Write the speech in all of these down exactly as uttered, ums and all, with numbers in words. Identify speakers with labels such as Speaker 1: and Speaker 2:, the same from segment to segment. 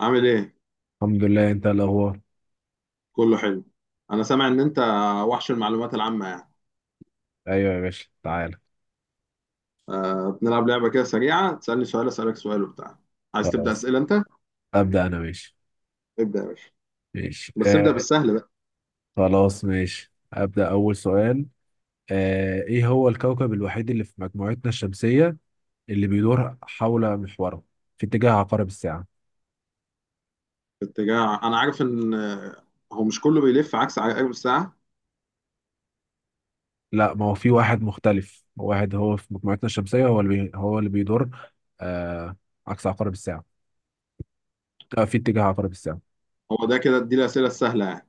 Speaker 1: عامل ايه؟
Speaker 2: الحمد لله، انت الاخبار؟
Speaker 1: كله حلو. انا سامع ان انت وحش المعلومات العامة يعني.
Speaker 2: ايوه يا باشا، تعالى.
Speaker 1: أه بنلعب لعبة كده سريعة، تسألني سؤال اسألك سؤال وبتاع. عايز تبدأ
Speaker 2: خلاص،
Speaker 1: أسئلة انت؟
Speaker 2: ابدا انا ماشي.
Speaker 1: ابدأ يا باشا.
Speaker 2: ماشي،
Speaker 1: بس ابدأ
Speaker 2: آه.
Speaker 1: بالسهل بقى.
Speaker 2: خلاص ماشي، ابدا اول سؤال. آه ايه هو الكوكب الوحيد اللي في مجموعتنا الشمسيه، اللي بيدور حول محوره في اتجاه عقارب الساعه؟
Speaker 1: اتجاه، انا عارف ان آه، هو مش كله بيلف عكس عقارب الساعة.
Speaker 2: لا، ما هو في واحد مختلف. واحد هو في مجموعتنا الشمسيه، هو اللي بي هو اللي بيدور آه عكس عقارب الساعه، آه في اتجاه عقارب الساعه.
Speaker 1: هو ده كده اديني الأسئلة السهلة يعني.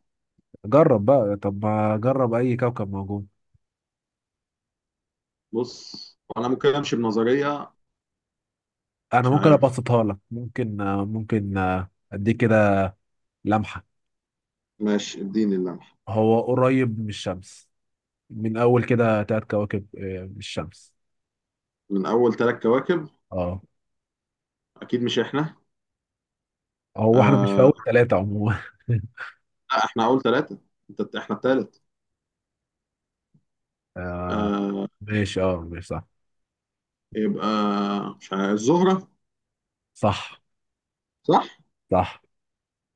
Speaker 2: جرب بقى، طب ما جرب اي كوكب موجود.
Speaker 1: بص انا ممكن امشي بنظرية.
Speaker 2: انا
Speaker 1: مش
Speaker 2: ممكن
Speaker 1: عارف.
Speaker 2: ابسطها لك، ممكن آه ممكن آه اديك كده لمحة.
Speaker 1: ماشي اديني اللمح.
Speaker 2: هو قريب من الشمس. من أول كده تلات كواكب، آه، من الشمس.
Speaker 1: من اول ثلاث كواكب.
Speaker 2: اه،
Speaker 1: اكيد مش احنا.
Speaker 2: هو احنا مش في
Speaker 1: أه.
Speaker 2: أول تلاتة عموما.
Speaker 1: لا احنا اول ثلاثة. انت احنا الثالث.
Speaker 2: آه
Speaker 1: أه.
Speaker 2: ماشي. اه، ماشي. صح.
Speaker 1: يبقى، مش عارف، الزهرة.
Speaker 2: صح.
Speaker 1: صح.
Speaker 2: صح.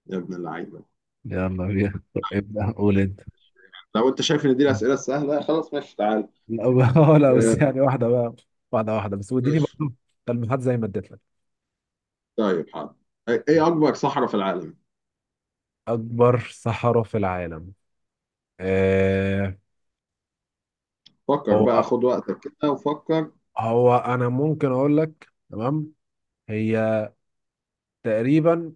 Speaker 1: يا ابن اللعيبه.
Speaker 2: يلا بينا. ابدأ، قول انت.
Speaker 1: لو انت شايف ان دي
Speaker 2: لا،
Speaker 1: الاسئله السهله خلاص، ماشي تعال.
Speaker 2: آه، لا، بس
Speaker 1: آه.
Speaker 2: يعني واحدة بقى. واحدة واحدة، بس واديني
Speaker 1: ماشي
Speaker 2: برضه تلميحات زي ما اديت لك.
Speaker 1: طيب حاضر. ايه إيه اكبر صحراء في العالم؟
Speaker 2: أكبر صحراء في العالم. آه
Speaker 1: فكر بقى
Speaker 2: هو
Speaker 1: خد وقتك كده وفكر.
Speaker 2: هو أنا ممكن أقول لك، تمام. هي تقريبا...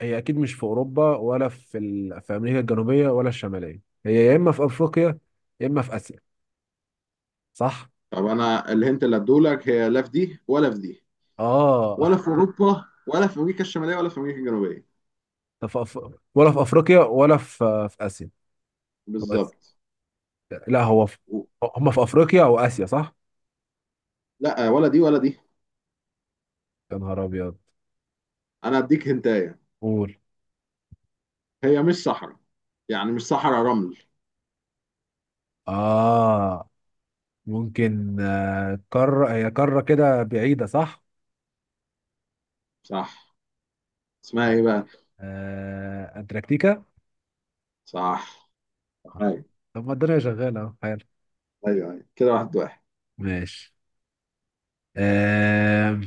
Speaker 2: هي اكيد مش في اوروبا، ولا في ال... في امريكا الجنوبيه ولا الشماليه. هي يا اما في افريقيا، يا اما في اسيا، صح؟
Speaker 1: طب انا الهنت اللي هديهولك، هي لا في دي ولا في دي،
Speaker 2: اه.
Speaker 1: ولا في اوروبا ولا في امريكا الشماليه ولا في امريكا الجنوبيه.
Speaker 2: طب في أف... ولا في افريقيا ولا في في اسيا؟ بس...
Speaker 1: بالظبط.
Speaker 2: لا، هو في...
Speaker 1: و-
Speaker 2: هم في افريقيا او اسيا، صح؟
Speaker 1: لا، آه، ولا دي ولا دي.
Speaker 2: يا نهار ابيض!
Speaker 1: انا هديك هنتايه.
Speaker 2: قول.
Speaker 1: هي مش صحراء، يعني مش صحراء رمل.
Speaker 2: اه، ممكن، آه، قاره. هي قاره كده بعيده، صح؟
Speaker 1: صح. اسمها ايه بقى؟
Speaker 2: آه... انتاركتيكا.
Speaker 1: صح. ايوه.
Speaker 2: طب ما الدنيا شغاله اهو، حلو.
Speaker 1: ايوه أيوة. كده واحد واحد.
Speaker 2: ماشي. آه...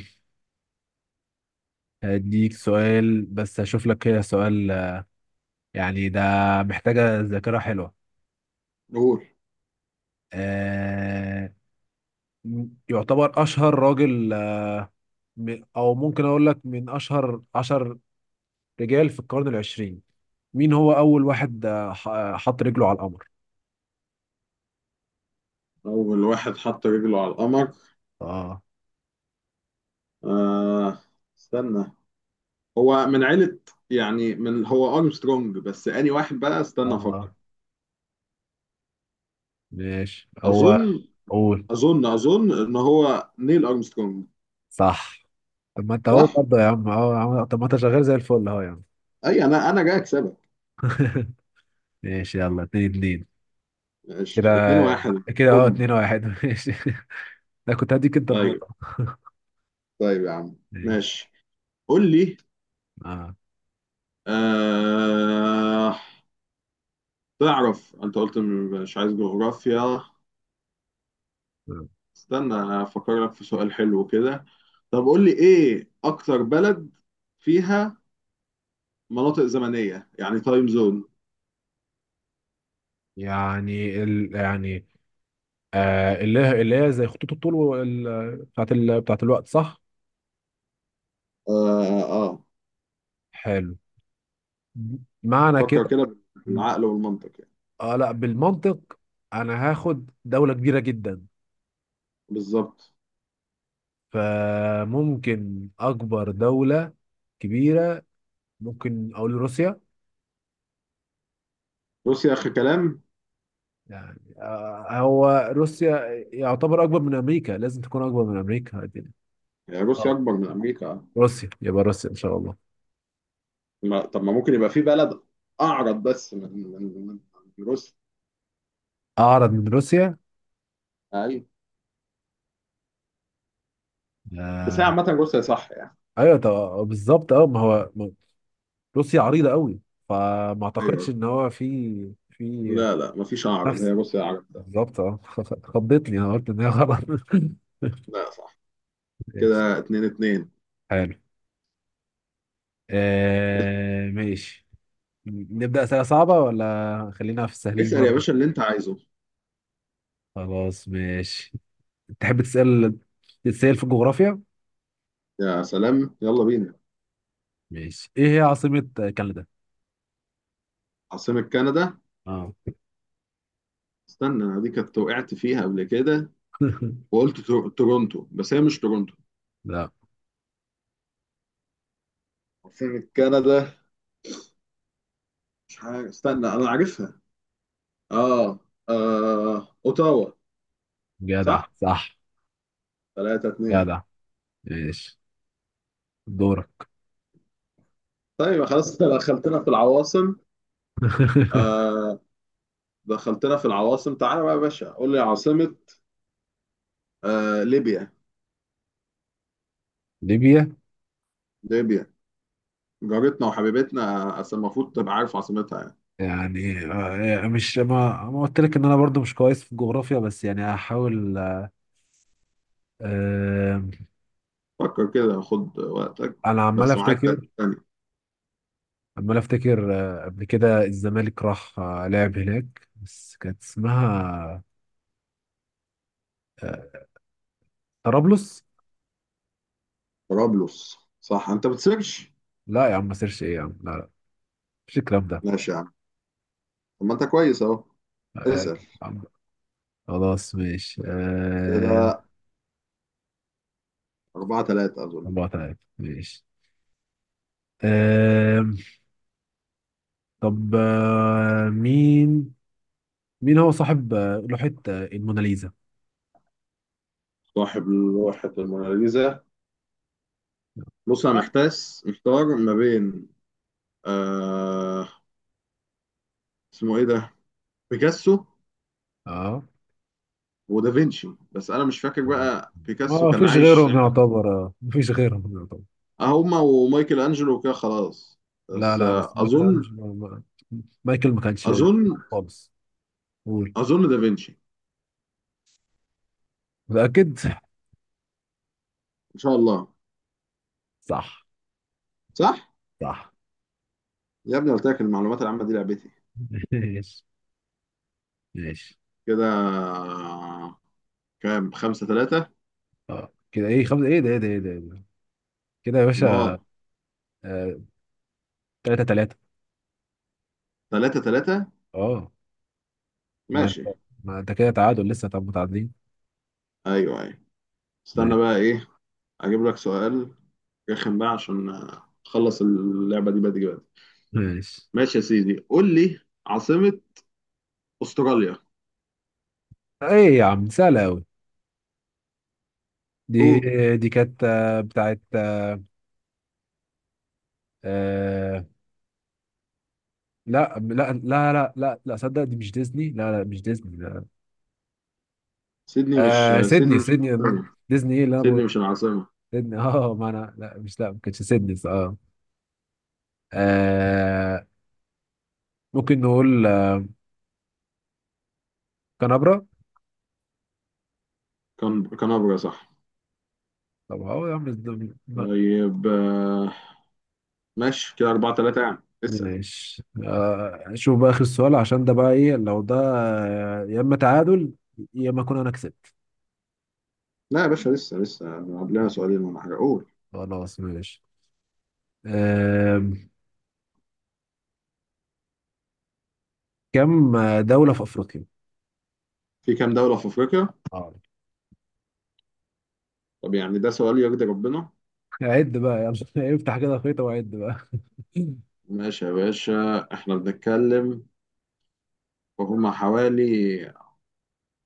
Speaker 2: هديك سؤال، بس هشوف لك كده سؤال. يعني ده محتاجة ذاكرة حلوة.
Speaker 1: قول.
Speaker 2: آه يعتبر أشهر راجل، آه، م- أو ممكن أقول لك من أشهر عشر رجال في القرن العشرين. مين هو أول واحد، آه، ح- آه، حط رجله على القمر؟
Speaker 1: اول واحد حط رجله على القمر.
Speaker 2: آه.
Speaker 1: آه. استنى، هو من عيلة، يعني من، هو ارمسترونج، بس اني واحد بقى استنى افكر.
Speaker 2: آه. ماشي، هو...
Speaker 1: اظن
Speaker 2: قول.
Speaker 1: اظن اظن ان هو نيل ارمسترونج.
Speaker 2: صح. طب ما أنت أهو
Speaker 1: صح؟
Speaker 2: برضه يا عم. أه يا عم، طب ما أنت شغال زي الفل أهو يا عم.
Speaker 1: اي انا انا جاي اكسبك.
Speaker 2: ماشي، يلا، اتنين اتنين.
Speaker 1: ماشي
Speaker 2: كده.
Speaker 1: اتنين واحد.
Speaker 2: كده أهو،
Speaker 1: بوم.
Speaker 2: اتنين واحد. ماشي. أنا كنت هديك أنت
Speaker 1: طيب.
Speaker 2: النقطة.
Speaker 1: طيب يا عم.
Speaker 2: مم.
Speaker 1: ماشي قول لي.
Speaker 2: آه.
Speaker 1: آه. تعرف انت قلت م- مش عايز جغرافيا. استنى افكر لك في سؤال حلو كده. طب قول لي ايه اكتر بلد فيها مناطق زمنية، يعني تايم زون.
Speaker 2: يعني ال... يعني آه اللي هي اللي هي زي خطوط الطول، وال... بتاعت ال... بتاعت الوقت، صح؟
Speaker 1: اه اه.
Speaker 2: حلو. معنى
Speaker 1: فكر
Speaker 2: كده...
Speaker 1: كده بالعقل والمنطق يعني.
Speaker 2: اه، لا، بالمنطق. انا هاخد دولة كبيرة جدا.
Speaker 1: بالظبط.
Speaker 2: فممكن اكبر دولة كبيرة. ممكن اقول روسيا.
Speaker 1: روسيا اخر كلام.
Speaker 2: يعني آه هو روسيا يعتبر اكبر من امريكا، لازم تكون اكبر من امريكا.
Speaker 1: يعني روسيا
Speaker 2: آه،
Speaker 1: اكبر من امريكا.
Speaker 2: روسيا، يبقى روسيا ان شاء الله.
Speaker 1: ما طب، ما ممكن يبقى في بلد اعرض بس من من من من روسيا.
Speaker 2: اعرض من روسيا.
Speaker 1: ايوه. بس هي
Speaker 2: آه،
Speaker 1: عامة روسيا صح يعني.
Speaker 2: ايوه، طب بالظبط، اه، ما هو ما- روسيا عريضه قوي. فما
Speaker 1: ايوه،
Speaker 2: اعتقدش ان هو في في
Speaker 1: لا لا، مفيش اعرض، هي
Speaker 2: نفس...
Speaker 1: روسيا اعرض ده.
Speaker 2: بالظبط، اه. خضتني، انا قلت ان هي غلط.
Speaker 1: لا صح.
Speaker 2: ماشي.
Speaker 1: كده اتنين اتنين.
Speaker 2: حلو. آه ماشي. نبدا اسئله صعبه ولا خلينا في السهلين
Speaker 1: اسأل يا
Speaker 2: برضه؟
Speaker 1: باشا اللي انت عايزه.
Speaker 2: خلاص ماشي. تحب تسال، تسال في الجغرافيا؟
Speaker 1: يا سلام يلا بينا.
Speaker 2: ماشي، ايه هي عاصمه كندا؟
Speaker 1: عاصمة كندا.
Speaker 2: اه.
Speaker 1: استنى انا دي كنت وقعت فيها قبل كده، وقلت تور- تورونتو، بس هي مش تورونتو.
Speaker 2: لا.
Speaker 1: عاصمة كندا. مش عارف، استنى انا عارفها. اه. اه اوتاوا.
Speaker 2: جدع،
Speaker 1: صح؟
Speaker 2: صح.
Speaker 1: تلاتة اتنين.
Speaker 2: جدع. ماشي. دورك.
Speaker 1: طيب خلاص انت دخلتنا في العواصم. آه. دخلتنا في العواصم، تعالى بقى يا باشا قول لي عاصمة آه ليبيا.
Speaker 2: ليبيا.
Speaker 1: ليبيا. جارتنا وحبيبتنا، أصل المفروض تبقى عارف عاصمتها يعني.
Speaker 2: يعني آه، مش ما ما قلت لك ان انا برضو مش كويس في الجغرافيا، بس يعني هحاول. آه،
Speaker 1: فكر كده خد وقتك.
Speaker 2: انا عمال
Speaker 1: بس معاك
Speaker 2: افتكر.
Speaker 1: تلاتين ثانية.
Speaker 2: عمال افتكر. آه، قبل كده الزمالك راح آه، لعب هناك، بس كانت اسمها آه، طرابلس.
Speaker 1: طرابلس. صح انت بتسيرش.
Speaker 2: لا يا عم، ما سيرش ايه يا عم، لا لا. مش الكلام ده.
Speaker 1: ماشي يا عم. طب ما انت كويس اهو.
Speaker 2: آه،
Speaker 1: اسأل.
Speaker 2: عم- خلاص ماشي. آه،
Speaker 1: كده اربعة تلاتة أظن.
Speaker 2: الله تعالى، ماشي. آه، طب، آه، مين مين هو صاحب آه، لوحة آه، الموناليزا؟
Speaker 1: صاحب لوحة الموناليزا. بص أنا محتاس محتار ما بين، آه اسمه إيه ده، بيكاسو
Speaker 2: اه،
Speaker 1: ودافنشي، بس أنا مش فاكر بقى بيكاسو
Speaker 2: ما
Speaker 1: كان
Speaker 2: فيش
Speaker 1: عايش
Speaker 2: غيرهم
Speaker 1: ساعة.
Speaker 2: يعتبر، آه. ما فيش غيرهم يعتبر.
Speaker 1: اه، هما ومايكل أنجلو وكده خلاص.
Speaker 2: لا
Speaker 1: بس
Speaker 2: لا،
Speaker 1: آه
Speaker 2: بس مايكل
Speaker 1: أظن
Speaker 2: أنجلو ما- مايكل ما كانش
Speaker 1: أظن
Speaker 2: خالص. قول.
Speaker 1: أظن دافنشي.
Speaker 2: متأكد؟
Speaker 1: إن شاء الله.
Speaker 2: صح.
Speaker 1: صح؟
Speaker 2: صح.
Speaker 1: يا ابني قلت لك المعلومات العامة دي لعبتي.
Speaker 2: ماشي. ماشي.
Speaker 1: كده آه، كام؟ خمسة ثلاثة؟
Speaker 2: اه، كده ايه؟ خمسة، ايه ده، ايه ده، ايه ده، إيه ده؟ كده يا باشا.
Speaker 1: مار.
Speaker 2: آه، تلاتة تلاتة.
Speaker 1: ثلاثة ثلاثة.
Speaker 2: اه. ما
Speaker 1: ماشي.
Speaker 2: انت ما انت كده تعادل لسه، طب متعادلين.
Speaker 1: أيوه أيوه. استنى
Speaker 2: ماشي.
Speaker 1: بقى إيه، أجيب لك سؤال رخم بقى عشان آه، اخلص اللعبه دي بدري بدري.
Speaker 2: ماشي.
Speaker 1: ماشي يا سيدي قول لي عاصمه استراليا.
Speaker 2: ايه يا عم، سهلة أوي دي.
Speaker 1: قول.
Speaker 2: دي كانت آه، بتاعت... آه، لا لا لا لا لا لا، صدق دي مش ديزني. لا لا، مش ديزني، لا.
Speaker 1: سيدني، مش
Speaker 2: آه، سيدني،
Speaker 1: سيدني مش
Speaker 2: سيدني.
Speaker 1: العاصمه.
Speaker 2: ديزني، ايه اللي انا بقول.
Speaker 1: سيدني مش العاصمه.
Speaker 2: سيدني. اه، ما انا لا، مش لا، ما كانتش سيدني، اه. آه، ممكن نقول آه، كنبرة.
Speaker 1: كان كانبرا صح.
Speaker 2: طب اه يا عم، ده- ب-
Speaker 1: طيب آه، ماشي كده اربعة تلاتة يعني اسال.
Speaker 2: ماشي. آه شوف بقى اخر سؤال عشان ده بقى ايه. لو ده آه، يا اما تعادل، يا اما اكون انا كسبت.
Speaker 1: لا يا باشا، لسه لسه. قبلنا
Speaker 2: طب،
Speaker 1: سؤالين ولا حاجه. قول.
Speaker 2: خلاص ماشي. آه كم دولة في افريقيا؟
Speaker 1: في كام دوله في افريقيا؟
Speaker 2: اه.
Speaker 1: طب يعني ده سؤال يرضي ربنا.
Speaker 2: عد بقى. يلا. افتح كده خيطة وعد بقى.
Speaker 1: ماشي يا باشا. احنا بنتكلم، فهم حوالي،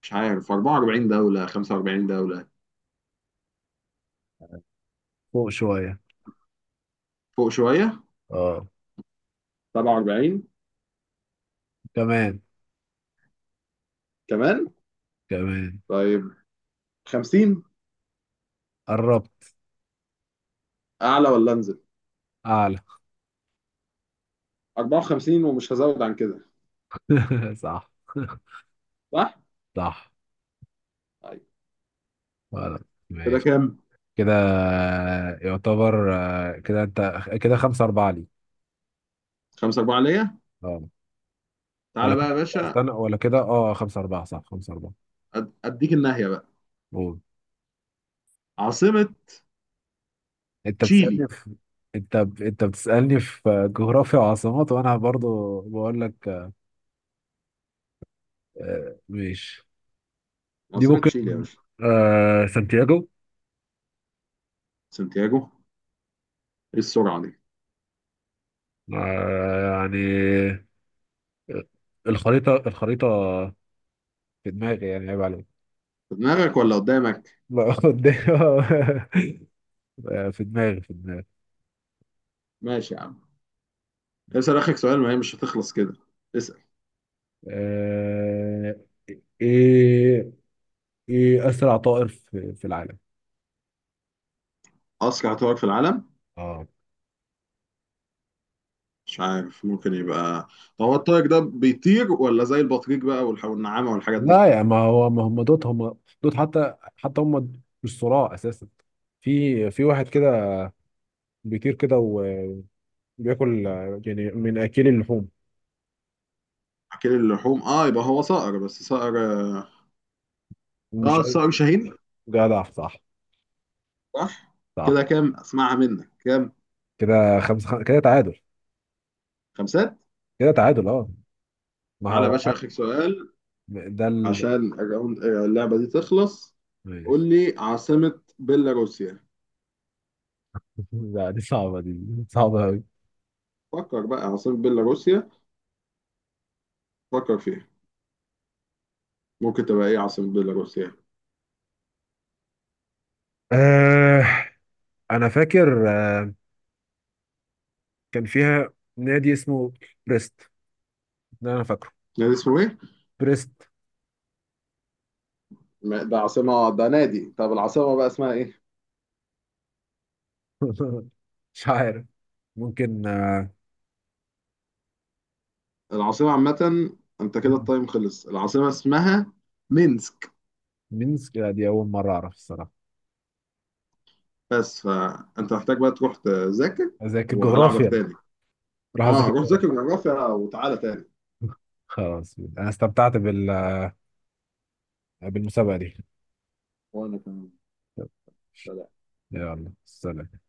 Speaker 1: مش عارف، اربعة واربعين دولة خمسة واربعين دولة.
Speaker 2: فوق شوية.
Speaker 1: فوق شوية.
Speaker 2: اه.
Speaker 1: سبعة واربعين.
Speaker 2: كمان.
Speaker 1: كمان.
Speaker 2: كمان.
Speaker 1: طيب. خمسين.
Speaker 2: قربت.
Speaker 1: اعلى ولا انزل؟
Speaker 2: اعلى.
Speaker 1: اربعة وخمسين، ومش هزود عن كده.
Speaker 2: صح.
Speaker 1: صح.
Speaker 2: صح.
Speaker 1: طيب
Speaker 2: خلاص
Speaker 1: كده
Speaker 2: ماشي.
Speaker 1: كام؟
Speaker 2: كده يعتبر، آه، كده انت كده خمسة أربعة لي.
Speaker 1: خمسة اربعة ليا.
Speaker 2: اه. ولا
Speaker 1: تعالى بقى يا
Speaker 2: كده،
Speaker 1: باشا.
Speaker 2: استنى، ولا كده، اه، خمسة أربعة، صح، خمسة أربعة.
Speaker 1: أد- اديك الناحيه بقى.
Speaker 2: قول.
Speaker 1: عاصمه.
Speaker 2: انت بتسألني
Speaker 1: تشيلي.
Speaker 2: في... انت ب... انت بتسألني في جغرافيا وعاصمات، وانا برضو بقول لك. آه، ماشي. دي
Speaker 1: عاصمه
Speaker 2: ممكن.
Speaker 1: تشيلي يا باشا.
Speaker 2: آه سانتياغو.
Speaker 1: سانتياغو. ايه السرعه دي.
Speaker 2: آه يعني آه، الخريطة الخريطة في دماغي، يعني عيب عليك.
Speaker 1: في دماغك ولا قدامك؟
Speaker 2: لا، قدام. آه، في دماغي، في دماغي.
Speaker 1: ماشي يا عم. اسال اخك سؤال، ما هي مش هتخلص كده. اسال.
Speaker 2: آه، ايه ايه اسرع طائر في, في العالم؟
Speaker 1: اسرع طائر في العالم.
Speaker 2: اه.
Speaker 1: مش عارف، ممكن يبقى. طب هو الطائر ده بيطير ولا زي البطريق بقى والح- والنعامه والحاجات دي؟
Speaker 2: لا، يا ما هو ما، هم دوت هم دوت حتى حتى هم. مش صراع اساسا. في في واحد كده بيطير كده وبياكل، آه، يعني من اكل اللحوم.
Speaker 1: اكل اللحوم، اه يبقى هو صقر، بس صقر. اه
Speaker 2: مش عارف.
Speaker 1: الصقر شاهين.
Speaker 2: جدع، صح.
Speaker 1: صح.
Speaker 2: صح.
Speaker 1: كده كام، اسمعها منك كام؟
Speaker 2: كده خمسة خم... كده تعادل.
Speaker 1: خمسات.
Speaker 2: كده تعادل، اه. ما
Speaker 1: تعالى يا
Speaker 2: هو...
Speaker 1: باشا اخر سؤال
Speaker 2: ده ال...
Speaker 1: عشان الراوند- اللعبه دي تخلص.
Speaker 2: ماشي.
Speaker 1: قول لي عاصمه بيلاروسيا.
Speaker 2: لا، دي صعبة دي. صعبة أوي.
Speaker 1: فكر بقى عاصمه بيلاروسيا. فكر فيها. ممكن تبقى ايه عاصمه بيلاروسيا؟
Speaker 2: آه أنا فاكر آه، كان فيها نادي اسمه بريست. ده انا فاكره.
Speaker 1: نادي اسمه ايه؟
Speaker 2: بريست.
Speaker 1: ما- ده عاصمه؟ ده نادي. طب العاصمه بقى اسمها ايه؟
Speaker 2: مش عارف. ممكن آه،
Speaker 1: العاصمه عامه. انت كده التايم خلص، العاصمه اسمها مينسك.
Speaker 2: مينسك. لا، دي اول مره اعرف الصراحه.
Speaker 1: بس فانت محتاج بقى تروح تذاكر،
Speaker 2: اذاكر
Speaker 1: وهلعبك
Speaker 2: جغرافيا.
Speaker 1: تاني.
Speaker 2: راح
Speaker 1: اه
Speaker 2: اذاكر
Speaker 1: روح
Speaker 2: جغرافيا.
Speaker 1: ذاكر جغرافيا وتعالى تاني.
Speaker 2: خلاص، انا استمتعت بال... بالمسابقه دي.
Speaker 1: وانا كمان. سلام.
Speaker 2: يلا، سلام.